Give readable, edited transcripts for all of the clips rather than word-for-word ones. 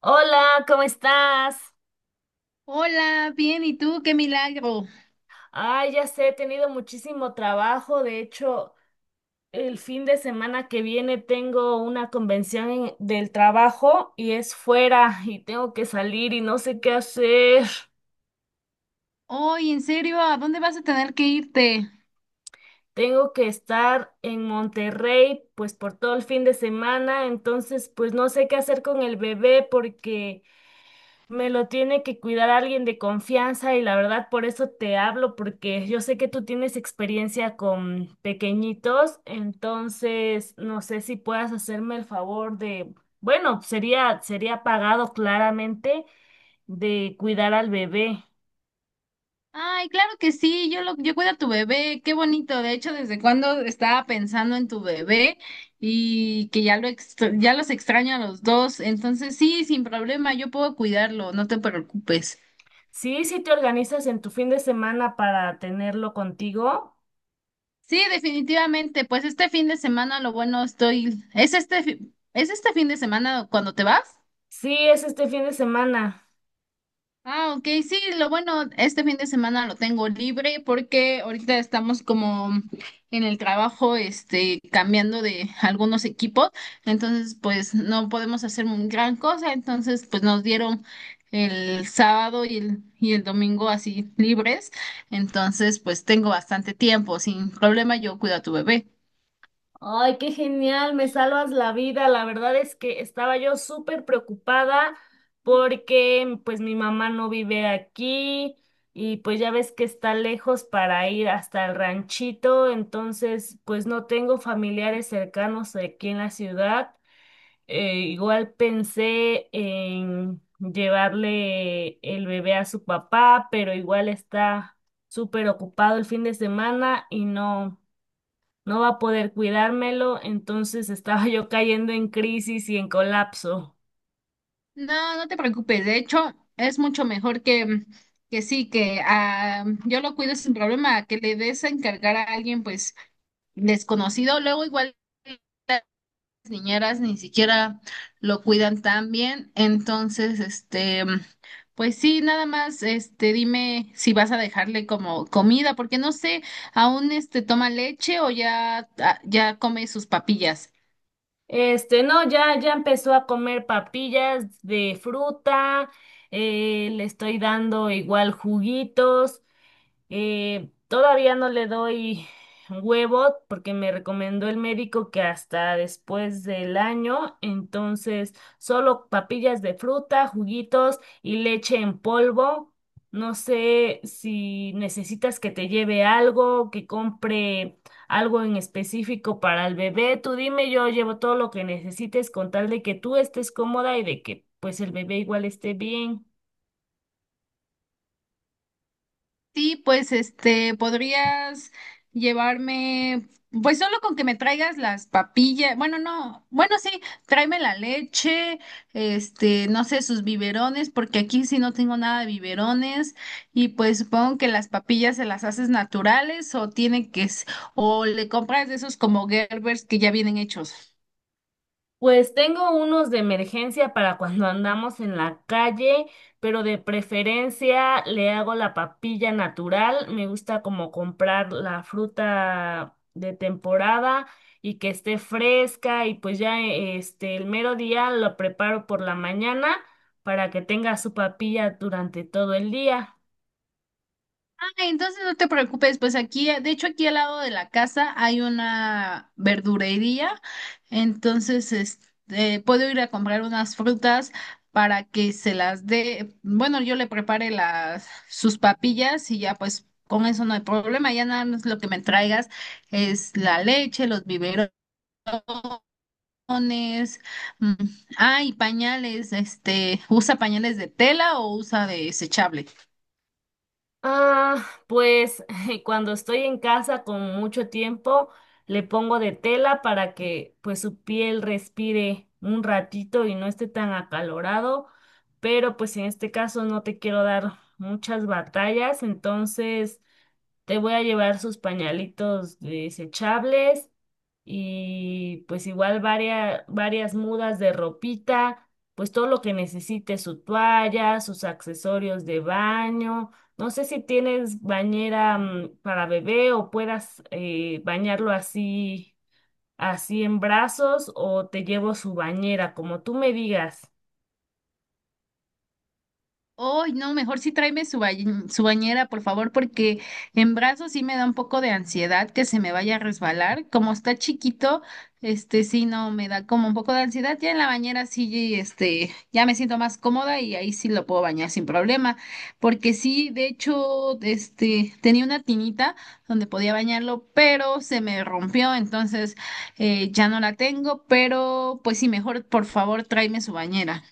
Hola, ¿cómo estás? Hola, bien, ¿y tú? ¡Qué milagro! Ay, ya sé, he tenido muchísimo trabajo. De hecho, el fin de semana que viene tengo una convención del trabajo y es fuera y tengo que salir y no sé qué hacer. Hoy, en serio, ¿a dónde vas a tener que irte? Tengo que estar en Monterrey pues por todo el fin de semana, entonces pues no sé qué hacer con el bebé porque me lo tiene que cuidar alguien de confianza y la verdad por eso te hablo, porque yo sé que tú tienes experiencia con pequeñitos, entonces no sé si puedas hacerme el favor de, bueno, sería pagado claramente, de cuidar al bebé. Ay, claro que sí, yo cuido a tu bebé, qué bonito. De hecho, desde cuando estaba pensando en tu bebé y que ya los extraño a los dos. Entonces, sí, sin problema, yo puedo cuidarlo, no te preocupes. Sí, si te organizas en tu fin de semana para tenerlo contigo. Sí, definitivamente, pues este fin de semana lo bueno estoy. Es este fin de semana cuando te vas? Sí, es este fin de semana. Ah, ok, sí, lo bueno, este fin de semana lo tengo libre porque ahorita estamos como en el trabajo, este, cambiando de algunos equipos, entonces pues no podemos hacer un gran cosa, entonces pues nos dieron el sábado y el domingo así libres, entonces pues tengo bastante tiempo, sin problema yo cuido a tu bebé. Ay, qué genial, me salvas la vida. La verdad es que estaba yo súper preocupada porque pues mi mamá no vive aquí y pues ya ves que está lejos para ir hasta el ranchito, entonces pues no tengo familiares cercanos aquí en la ciudad. Igual pensé en llevarle el bebé a su papá, pero igual está súper ocupado el fin de semana y no va a poder cuidármelo, entonces estaba yo cayendo en crisis y en colapso. No, no te preocupes. De hecho, es mucho mejor que, que sí, que ah, yo lo cuido sin problema, a que le des a encargar a alguien, pues, desconocido. Luego igual las niñeras ni siquiera lo cuidan tan bien. Entonces, este, pues sí, nada más, este, dime si vas a dejarle como comida, porque no sé, aún este toma leche o ya, ah, ya come sus papillas. No, ya empezó a comer papillas de fruta, le estoy dando igual juguitos. Todavía no le doy huevo porque me recomendó el médico que hasta después del año, entonces solo papillas de fruta, juguitos y leche en polvo. No sé si necesitas que te lleve algo, que compre algo en específico para el bebé. Tú dime, yo llevo todo lo que necesites con tal de que tú estés cómoda y de que pues el bebé igual esté bien. Sí, pues este, podrías llevarme, pues solo con que me traigas las papillas, bueno, no, bueno, sí, tráeme la leche, este, no sé, sus biberones, porque aquí sí no tengo nada de biberones, y pues supongo que las papillas se las haces naturales o o le compras de esos como Gerbers que ya vienen hechos. Pues tengo unos de emergencia para cuando andamos en la calle, pero de preferencia le hago la papilla natural. Me gusta como comprar la fruta de temporada y que esté fresca y pues ya el mero día lo preparo por la mañana para que tenga su papilla durante todo el día. Ay, entonces no te preocupes, pues aquí, de hecho aquí al lado de la casa hay una verdurería, entonces este, puedo ir a comprar unas frutas para que se las dé, bueno, yo le prepare sus papillas y ya pues con eso no hay problema, ya nada más lo que me traigas es la leche, los biberones, mm, y pañales, este, ¿usa pañales de tela o usa de desechable? Ah, pues cuando estoy en casa con mucho tiempo, le pongo de tela para que pues su piel respire un ratito y no esté tan acalorado, pero pues en este caso no te quiero dar muchas batallas, entonces te voy a llevar sus pañalitos desechables y pues igual varias, varias mudas de ropita, pues todo lo que necesite, su toalla, sus accesorios de baño. No sé si tienes bañera para bebé o puedas bañarlo así, así en brazos o te llevo su bañera, como tú me digas. Ay, no, mejor sí tráeme su bañera, por favor, porque en brazos sí me da un poco de ansiedad que se me vaya a resbalar. Como está chiquito, este sí, no, me da como un poco de ansiedad. Ya en la bañera sí, este, ya me siento más cómoda y ahí sí lo puedo bañar sin problema. Porque sí, de hecho, este, tenía una tinita donde podía bañarlo, pero se me rompió, entonces ya no la tengo, pero pues sí, mejor por favor tráeme su bañera.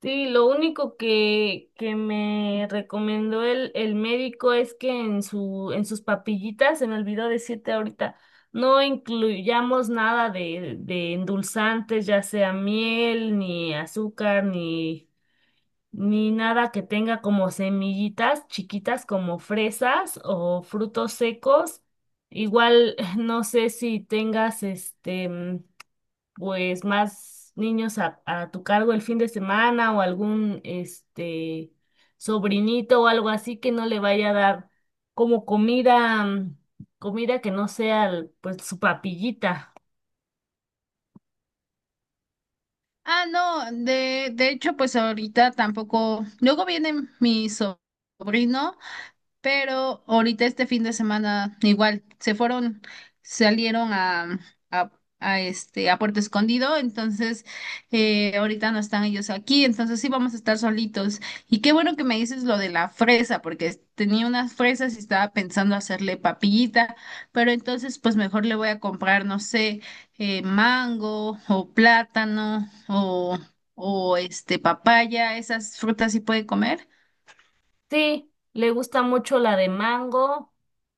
Sí, lo único que me recomendó el médico es que en sus papillitas, se me olvidó decirte ahorita, no incluyamos nada de endulzantes, ya sea miel, ni azúcar, ni nada que tenga como semillitas chiquitas como fresas o frutos secos. Igual, no sé si tengas pues más niños a tu cargo el fin de semana o algún sobrinito o algo así que no le vaya a dar como comida que no sea pues su papillita. Ah, no, de hecho, pues ahorita tampoco. Luego viene mi sobrino pero ahorita este fin de semana igual se fueron, salieron a, este a Puerto Escondido, entonces ahorita no están ellos aquí, entonces sí vamos a estar solitos. Y qué bueno que me dices lo de la fresa, porque tenía unas fresas y estaba pensando hacerle papillita, pero entonces pues mejor le voy a comprar, no sé, mango o plátano, o este papaya, esas frutas sí puede comer. Sí, le gusta mucho la de mango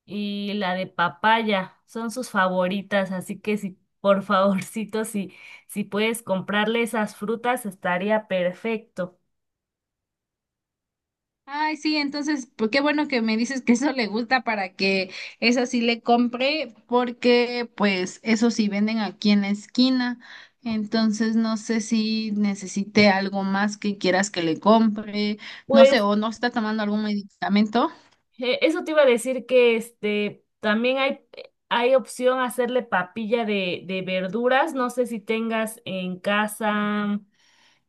y la de papaya, son sus favoritas, así que si por favorcito, si puedes comprarle esas frutas, estaría perfecto. Ay, sí, entonces, pues qué bueno que me dices que eso le gusta para que eso sí le compre, porque pues eso sí venden aquí en la esquina. Entonces, no sé si necesite algo más que quieras que le compre, no sé, Pues, o no está tomando algún medicamento. Eso te iba a decir que este también hay opción hacerle papilla de verduras. No sé si tengas en casa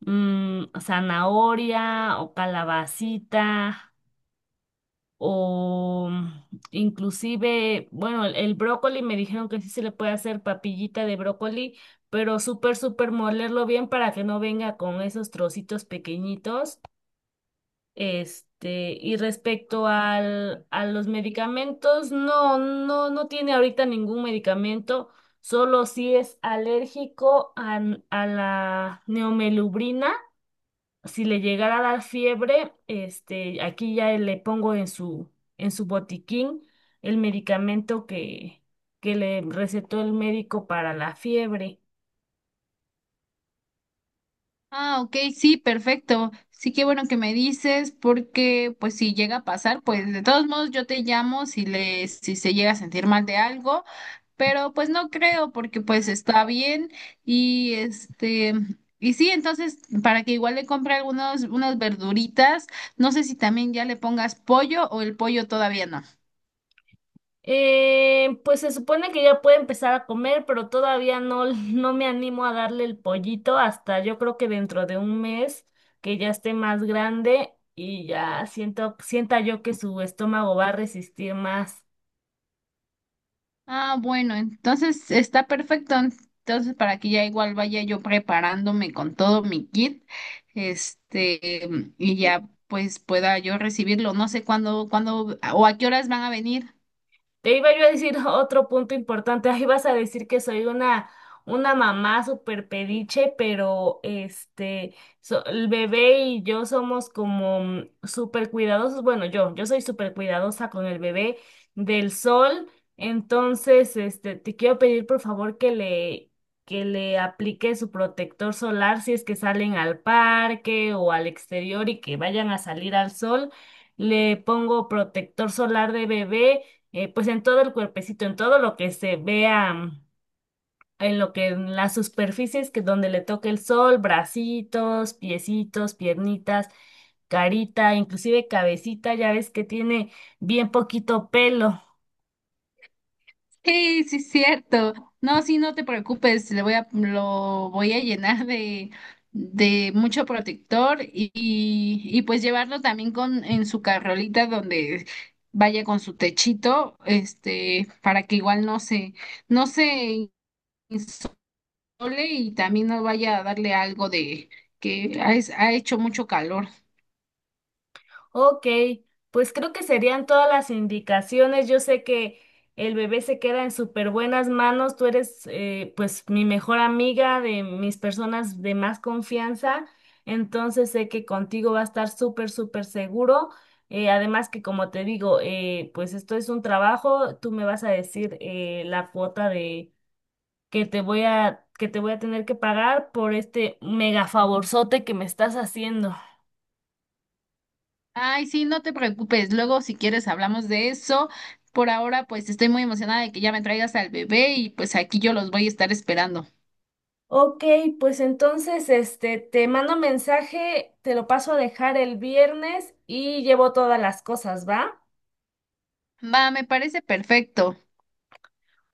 zanahoria o calabacita o inclusive, bueno, el brócoli me dijeron que sí se le puede hacer papillita de brócoli, pero súper, súper molerlo bien para que no venga con esos trocitos pequeñitos. Y respecto a los medicamentos, no, no, no tiene ahorita ningún medicamento, solo si es alérgico a la neomelubrina. Si le llegara a dar fiebre, aquí ya le pongo en su botiquín el medicamento que le recetó el médico para la fiebre. Ah, ok, sí, perfecto. Sí, qué bueno que me dices, porque pues si llega a pasar, pues de todos modos yo te llamo si se llega a sentir mal de algo, pero pues no creo, porque pues está bien y este, y sí, entonces para que igual le compre algunos, unas verduritas, no sé si también ya le pongas pollo o el pollo todavía no. Pues se supone que ya puede empezar a comer, pero todavía no, no me animo a darle el pollito hasta yo creo que dentro de un mes, que ya esté más grande y ya sienta yo que su estómago va a resistir más. Ah, bueno, entonces está perfecto. Entonces, para que ya igual vaya yo preparándome con todo mi kit, este, y ya pues pueda yo recibirlo. No sé cuándo o a qué horas van a venir. Te iba yo a decir otro punto importante. Ahí vas a decir que soy una mamá súper pediche, pero el bebé y yo somos como súper cuidadosos. Bueno, yo soy súper cuidadosa con el bebé del sol. Entonces, te quiero pedir por favor que le aplique su protector solar si es que salen al parque o al exterior y que vayan a salir al sol. Le pongo protector solar de bebé, pues en todo el cuerpecito, en todo lo que se vea, en lo que, en las superficies que donde le toque el sol, bracitos, piecitos, piernitas, carita, inclusive cabecita, ya ves que tiene bien poquito pelo. Sí, sí, cierto. No, sí, no te preocupes, lo voy a llenar de mucho protector y pues llevarlo también en su carrolita donde vaya con su techito, este, para que igual no se insole y también no vaya a darle algo de ha hecho mucho calor. Ok, pues creo que serían todas las indicaciones. Yo sé que el bebé se queda en súper buenas manos. Tú eres, pues mi mejor amiga, de mis personas de más confianza. Entonces sé que contigo va a estar súper, súper seguro. Además que como te digo, pues esto es un trabajo. Tú me vas a decir, la cuota de que te voy a, que te voy a tener que pagar por este mega favorzote que me estás haciendo. Ay, sí, no te preocupes. Luego, si quieres, hablamos de eso. Por ahora, pues estoy muy emocionada de que ya me traigas al bebé y pues aquí yo los voy a estar esperando. Ok, pues entonces te mando mensaje, te lo paso a dejar el viernes y llevo todas las cosas, ¿va? Va, me parece perfecto.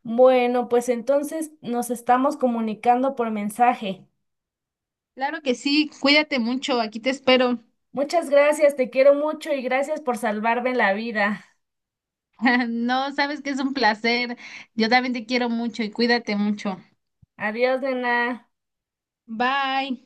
Bueno, pues entonces nos estamos comunicando por mensaje. Claro que sí, cuídate mucho, aquí te espero. Muchas gracias, te quiero mucho y gracias por salvarme la vida. No, sabes que es un placer. Yo también te quiero mucho y cuídate mucho. Adiós, nena. Bye.